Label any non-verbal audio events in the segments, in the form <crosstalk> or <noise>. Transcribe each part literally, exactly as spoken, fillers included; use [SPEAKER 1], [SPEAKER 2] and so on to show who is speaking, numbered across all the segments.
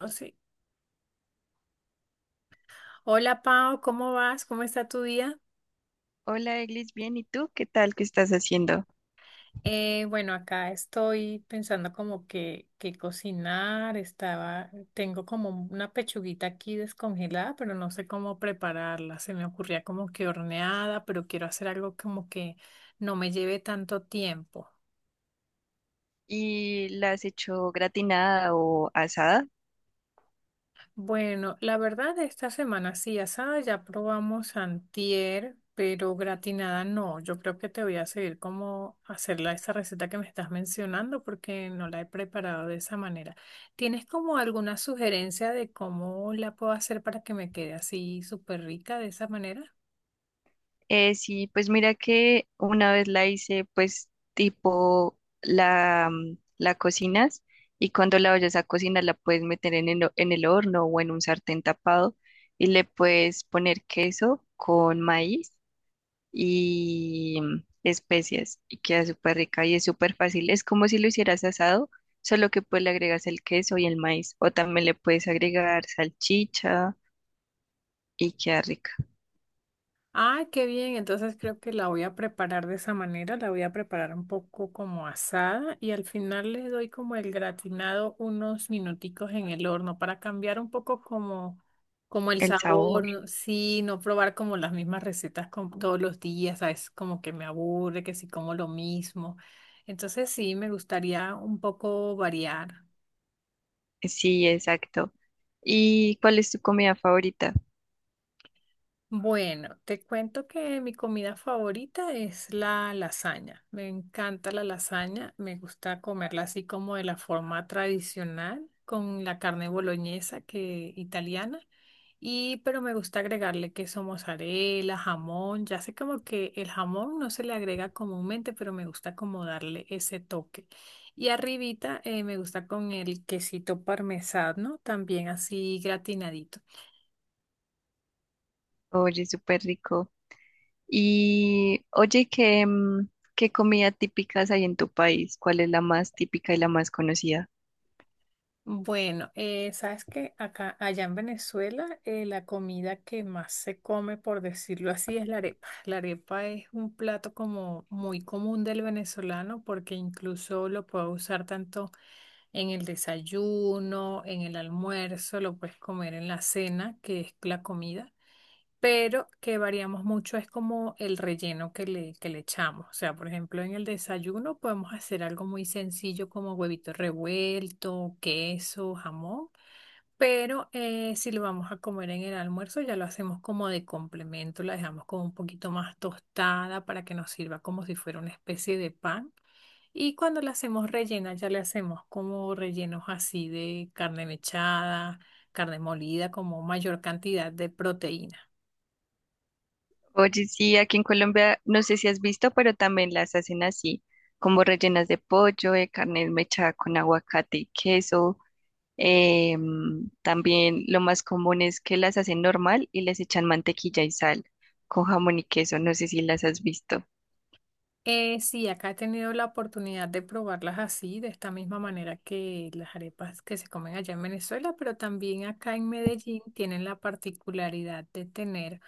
[SPEAKER 1] Oh, sí. Hola Pau, ¿cómo vas? ¿Cómo está tu día?
[SPEAKER 2] Hola, Eglis, bien, ¿y tú? ¿Qué tal? ¿Qué estás haciendo?
[SPEAKER 1] Eh, bueno, Acá estoy pensando como que, que cocinar. Estaba, tengo como una pechuguita aquí descongelada, pero no sé cómo prepararla. Se me ocurría como que horneada, pero quiero hacer algo como que no me lleve tanto tiempo.
[SPEAKER 2] ¿Y la has hecho gratinada o asada?
[SPEAKER 1] Bueno, la verdad, esta semana sí, asada ya probamos antier, pero gratinada no. Yo creo que te voy a seguir como hacerla esa receta que me estás mencionando porque no la he preparado de esa manera. ¿Tienes como alguna sugerencia de cómo la puedo hacer para que me quede así súper rica de esa manera?
[SPEAKER 2] Eh, sí, pues mira que una vez la hice, pues tipo la, mm, la cocinas. Y cuando la vayas a cocinar la puedes meter en el, ho- en el horno o en un sartén tapado y le puedes poner queso con maíz y mm, especias, y queda súper rica y es súper fácil. Es como si lo hicieras asado, solo que pues le agregas el queso y el maíz, o también le puedes agregar salchicha y queda rica.
[SPEAKER 1] Ah, qué bien. Entonces creo que la voy a preparar de esa manera. La voy a preparar un poco como asada y al final le doy como el gratinado unos minuticos en el horno para cambiar un poco como, como el
[SPEAKER 2] El
[SPEAKER 1] sabor.
[SPEAKER 2] sabor,
[SPEAKER 1] ¿No? Sí, no probar como las mismas recetas como todos los días, ¿sabes? Como que me aburre, que si como lo mismo. Entonces sí, me gustaría un poco variar.
[SPEAKER 2] sí, exacto. ¿Y cuál es tu comida favorita?
[SPEAKER 1] Bueno, te cuento que mi comida favorita es la lasaña. Me encanta la lasaña, me gusta comerla así como de la forma tradicional, con la carne boloñesa que italiana, y pero me gusta agregarle queso mozzarella, jamón. Ya sé como que el jamón no se le agrega comúnmente, pero me gusta como darle ese toque. Y arribita eh, me gusta con el quesito parmesano, también así gratinadito.
[SPEAKER 2] Oye, súper rico. Y oye, ¿qué, mm, ¿qué comida típicas hay en tu país? ¿Cuál es la más típica y la más conocida?
[SPEAKER 1] Bueno, eh, sabes que acá, allá en Venezuela, eh, la comida que más se come, por decirlo así, es la arepa. La arepa es un plato como muy común del venezolano porque incluso lo puedes usar tanto en el desayuno, en el almuerzo, lo puedes comer en la cena, que es la comida pero que variamos mucho es como el relleno que le, que le echamos. O sea, por ejemplo, en el desayuno podemos hacer algo muy sencillo como huevito revuelto, queso, jamón, pero eh, si lo vamos a comer en el almuerzo ya lo hacemos como de complemento, la dejamos como un poquito más tostada para que nos sirva como si fuera una especie de pan. Y cuando la hacemos rellena, ya le hacemos como rellenos así de carne mechada, carne molida, como mayor cantidad de proteína.
[SPEAKER 2] Oye, sí, aquí en Colombia, no sé si has visto, pero también las hacen así, como rellenas de pollo, de carne mechada con aguacate y queso. Em, también lo más común es que las hacen normal y les echan mantequilla y sal, con jamón y queso. No sé si las has visto.
[SPEAKER 1] Eh, sí, acá he tenido la oportunidad de probarlas así, de esta misma manera que las arepas que se comen allá en Venezuela, pero también acá en Medellín tienen la particularidad de tener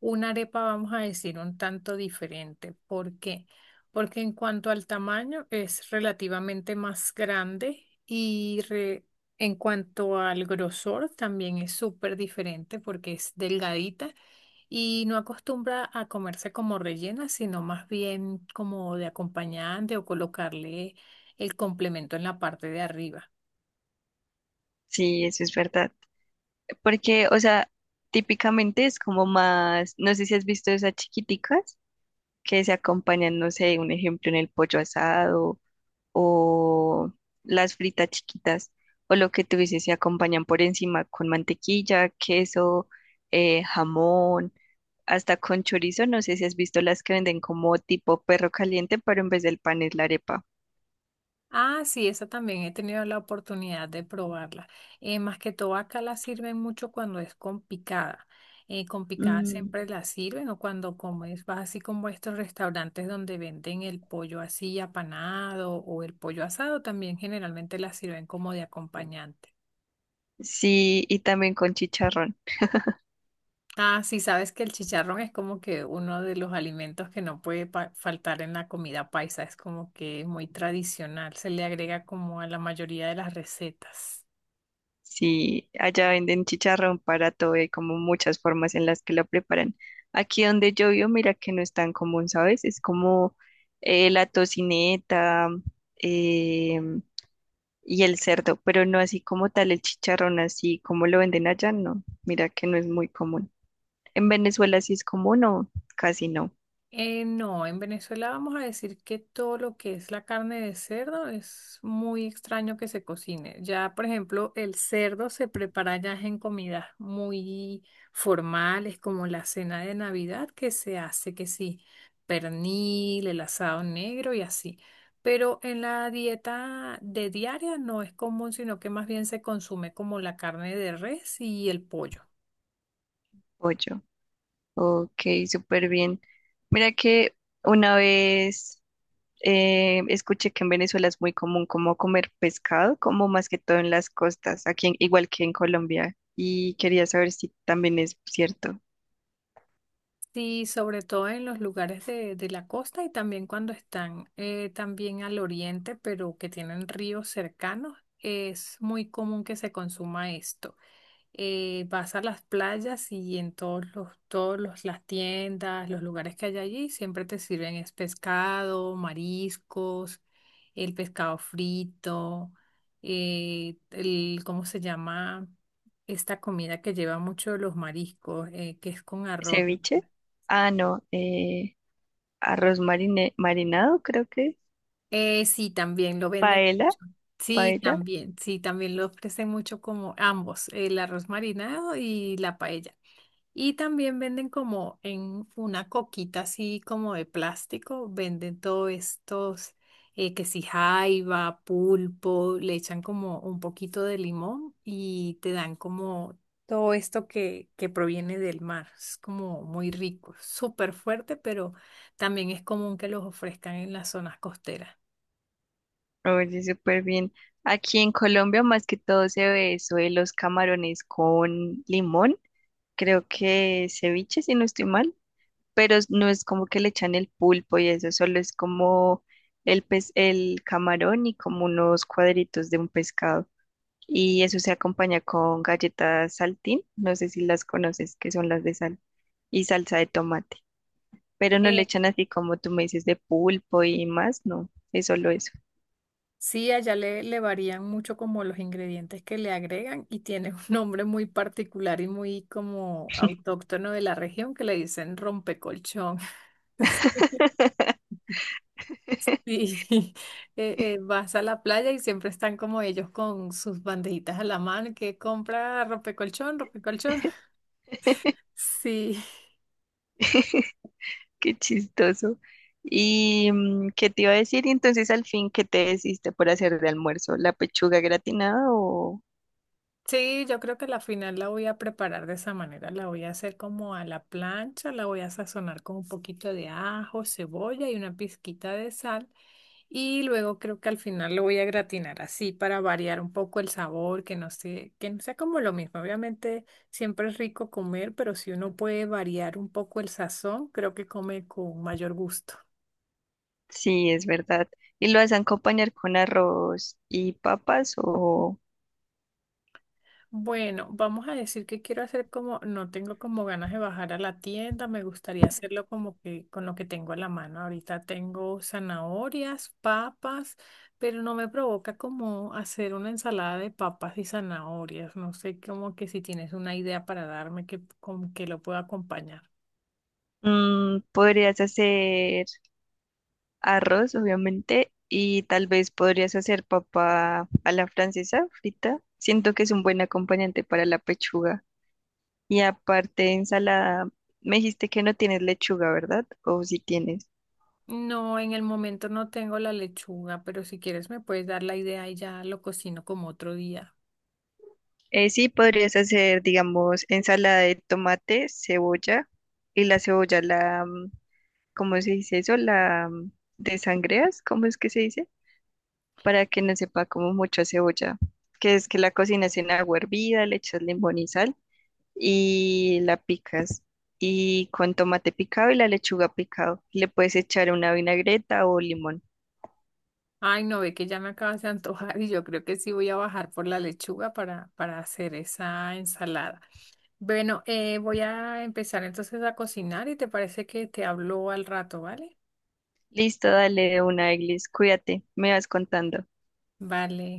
[SPEAKER 1] una arepa, vamos a decir, un tanto diferente. ¿Por qué? Porque en cuanto al tamaño es relativamente más grande y re- en cuanto al grosor también es súper diferente porque es delgadita y no acostumbra a comerse como rellena, sino más bien como de acompañante o colocarle el complemento en la parte de arriba.
[SPEAKER 2] Sí, eso es verdad. Porque, o sea, típicamente es como más, no sé si has visto esas chiquiticas que se acompañan, no sé, un ejemplo en el pollo asado, o las fritas chiquitas, o lo que tú dices, se acompañan por encima con mantequilla, queso, eh, jamón, hasta con chorizo. No sé si has visto las que venden como tipo perro caliente, pero en vez del pan es la arepa.
[SPEAKER 1] Ah, sí, esa también he tenido la oportunidad de probarla. Eh, más que todo acá la sirven mucho cuando es con picada. Eh, con picada
[SPEAKER 2] Mm,
[SPEAKER 1] siempre la sirven o cuando comes, vas así como a estos restaurantes donde venden el pollo así apanado o el pollo asado, también generalmente la sirven como de acompañante.
[SPEAKER 2] sí, y también con chicharrón.
[SPEAKER 1] Ah, sí, sabes que el chicharrón es como que uno de los alimentos que no puede pa- faltar en la comida paisa, es como que muy tradicional, se le agrega como a la mayoría de las recetas.
[SPEAKER 2] Sí, allá venden chicharrón para todo, hay como muchas formas en las que lo preparan. Aquí donde yo vivo, mira que no es tan común, ¿sabes? Es como eh, la tocineta, eh, y el cerdo, pero no así como tal el chicharrón, así como lo venden allá, no. Mira que no es muy común. ¿En Venezuela sí es común o casi no?
[SPEAKER 1] Eh, no, en Venezuela vamos a decir que todo lo que es la carne de cerdo es muy extraño que se cocine. Ya, por ejemplo, el cerdo se prepara ya en comidas muy formales, como la cena de Navidad, que se hace que sí, pernil, el asado negro y así. Pero en la dieta de diaria no es común, sino que más bien se consume como la carne de res y el pollo.
[SPEAKER 2] Pollo. Ok, súper bien. Mira que una vez eh, escuché que en Venezuela es muy común como comer pescado, como más que todo en las costas, aquí en- igual que en Colombia. Y quería saber si también es cierto.
[SPEAKER 1] Sí, sobre todo en los lugares de, de la costa y también cuando están eh, también al oriente, pero que tienen ríos cercanos, es muy común que se consuma esto. Eh, vas a las playas y en todos los, todos los- las tiendas, los lugares que hay allí, siempre te sirven es pescado, mariscos, el pescado frito, eh, el, ¿cómo se llama? Esta comida que lleva mucho los mariscos, eh, que es con arroz. ¿No?
[SPEAKER 2] ¿Ceviche? Ah, no, eh, arroz marine- marinado, creo que. Es
[SPEAKER 1] Eh, sí, también lo venden
[SPEAKER 2] paella.
[SPEAKER 1] mucho. Sí,
[SPEAKER 2] Paella.
[SPEAKER 1] también, sí, también lo ofrecen mucho como ambos, el arroz marinado y la paella. Y también venden como en una coquita así como de plástico, venden todos estos, eh, que si jaiba, pulpo, le echan como un poquito de limón y te dan como todo esto que, que proviene del mar. Es como muy rico, súper fuerte, pero también es común que los ofrezcan en las zonas costeras.
[SPEAKER 2] Oye, súper bien. Aquí en Colombia más que todo se ve eso de los camarones con limón. Creo que ceviche, si no estoy mal, pero es- no es como que le echan el pulpo y eso, solo es como el pez, el camarón y como unos cuadritos de un pescado. Y eso se acompaña con galletas saltín, no sé si las conoces, que son las de sal, y salsa de tomate. Pero no le
[SPEAKER 1] Eh,
[SPEAKER 2] echan así como tú me dices de pulpo y más, no, es solo eso.
[SPEAKER 1] sí, allá le, le varían mucho como los ingredientes que le agregan y tiene un nombre muy particular y muy como autóctono de la región que le dicen rompecolchón. <laughs>
[SPEAKER 2] <laughs>
[SPEAKER 1] Sí, eh, eh, vas a la playa y siempre están como ellos con sus bandejitas a la mano que compra rompecolchón, rompecolchón. Sí,
[SPEAKER 2] Qué chistoso. ¿Y mm, qué te iba a decir? Y entonces al fin, ¿qué te decidiste por hacer de almuerzo? ¿La pechuga gratinada o...?
[SPEAKER 1] sí, yo creo que la final la voy a preparar de esa manera, la voy a hacer como a la plancha, la voy a sazonar con un poquito de ajo, cebolla y una pizquita de sal. Y luego creo que al final lo voy a gratinar así para variar un poco el sabor, que no sé que no sea como lo mismo. Obviamente siempre es rico comer, pero si uno puede variar un poco el sazón, creo que come con mayor gusto.
[SPEAKER 2] Sí, es verdad. ¿Y lo vas a acompañar con arroz y papas o...?
[SPEAKER 1] Bueno, vamos a decir que quiero hacer como, no tengo como ganas de bajar a la tienda, me gustaría hacerlo como que con lo que tengo en la mano. Ahorita tengo zanahorias, papas, pero no me provoca como hacer una ensalada de papas y zanahorias. No sé, como que si tienes una idea para darme que, con que lo pueda acompañar.
[SPEAKER 2] Mm, podrías hacer arroz, obviamente, y tal vez podrías hacer papa a la francesa frita. Siento que es un buen acompañante para la pechuga. Y aparte, ensalada, me dijiste que no tienes lechuga, ¿verdad? ¿O si tienes?
[SPEAKER 1] No, en el momento no tengo la lechuga, pero si quieres me puedes dar la idea y ya lo cocino como otro día.
[SPEAKER 2] Eh, sí, podrías hacer, digamos, ensalada de tomate, cebolla. Y la cebolla, la, mm, ¿cómo se dice eso? La, mm, desangreas, ¿cómo es que se dice? Para que no sepa como mucho a cebolla, que es que la cocinas en agua hervida, le echas limón y sal y la picas. Y con tomate picado y la lechuga picado, le puedes echar una vinagreta o limón.
[SPEAKER 1] Ay, no, ve que ya me acabas de antojar y yo creo que sí voy a bajar por la lechuga para, para hacer esa ensalada. Bueno, eh, voy a empezar entonces a cocinar y te parece que te hablo al rato, ¿vale?
[SPEAKER 2] Listo, dale una, Eglis, cuídate, me vas contando.
[SPEAKER 1] Vale.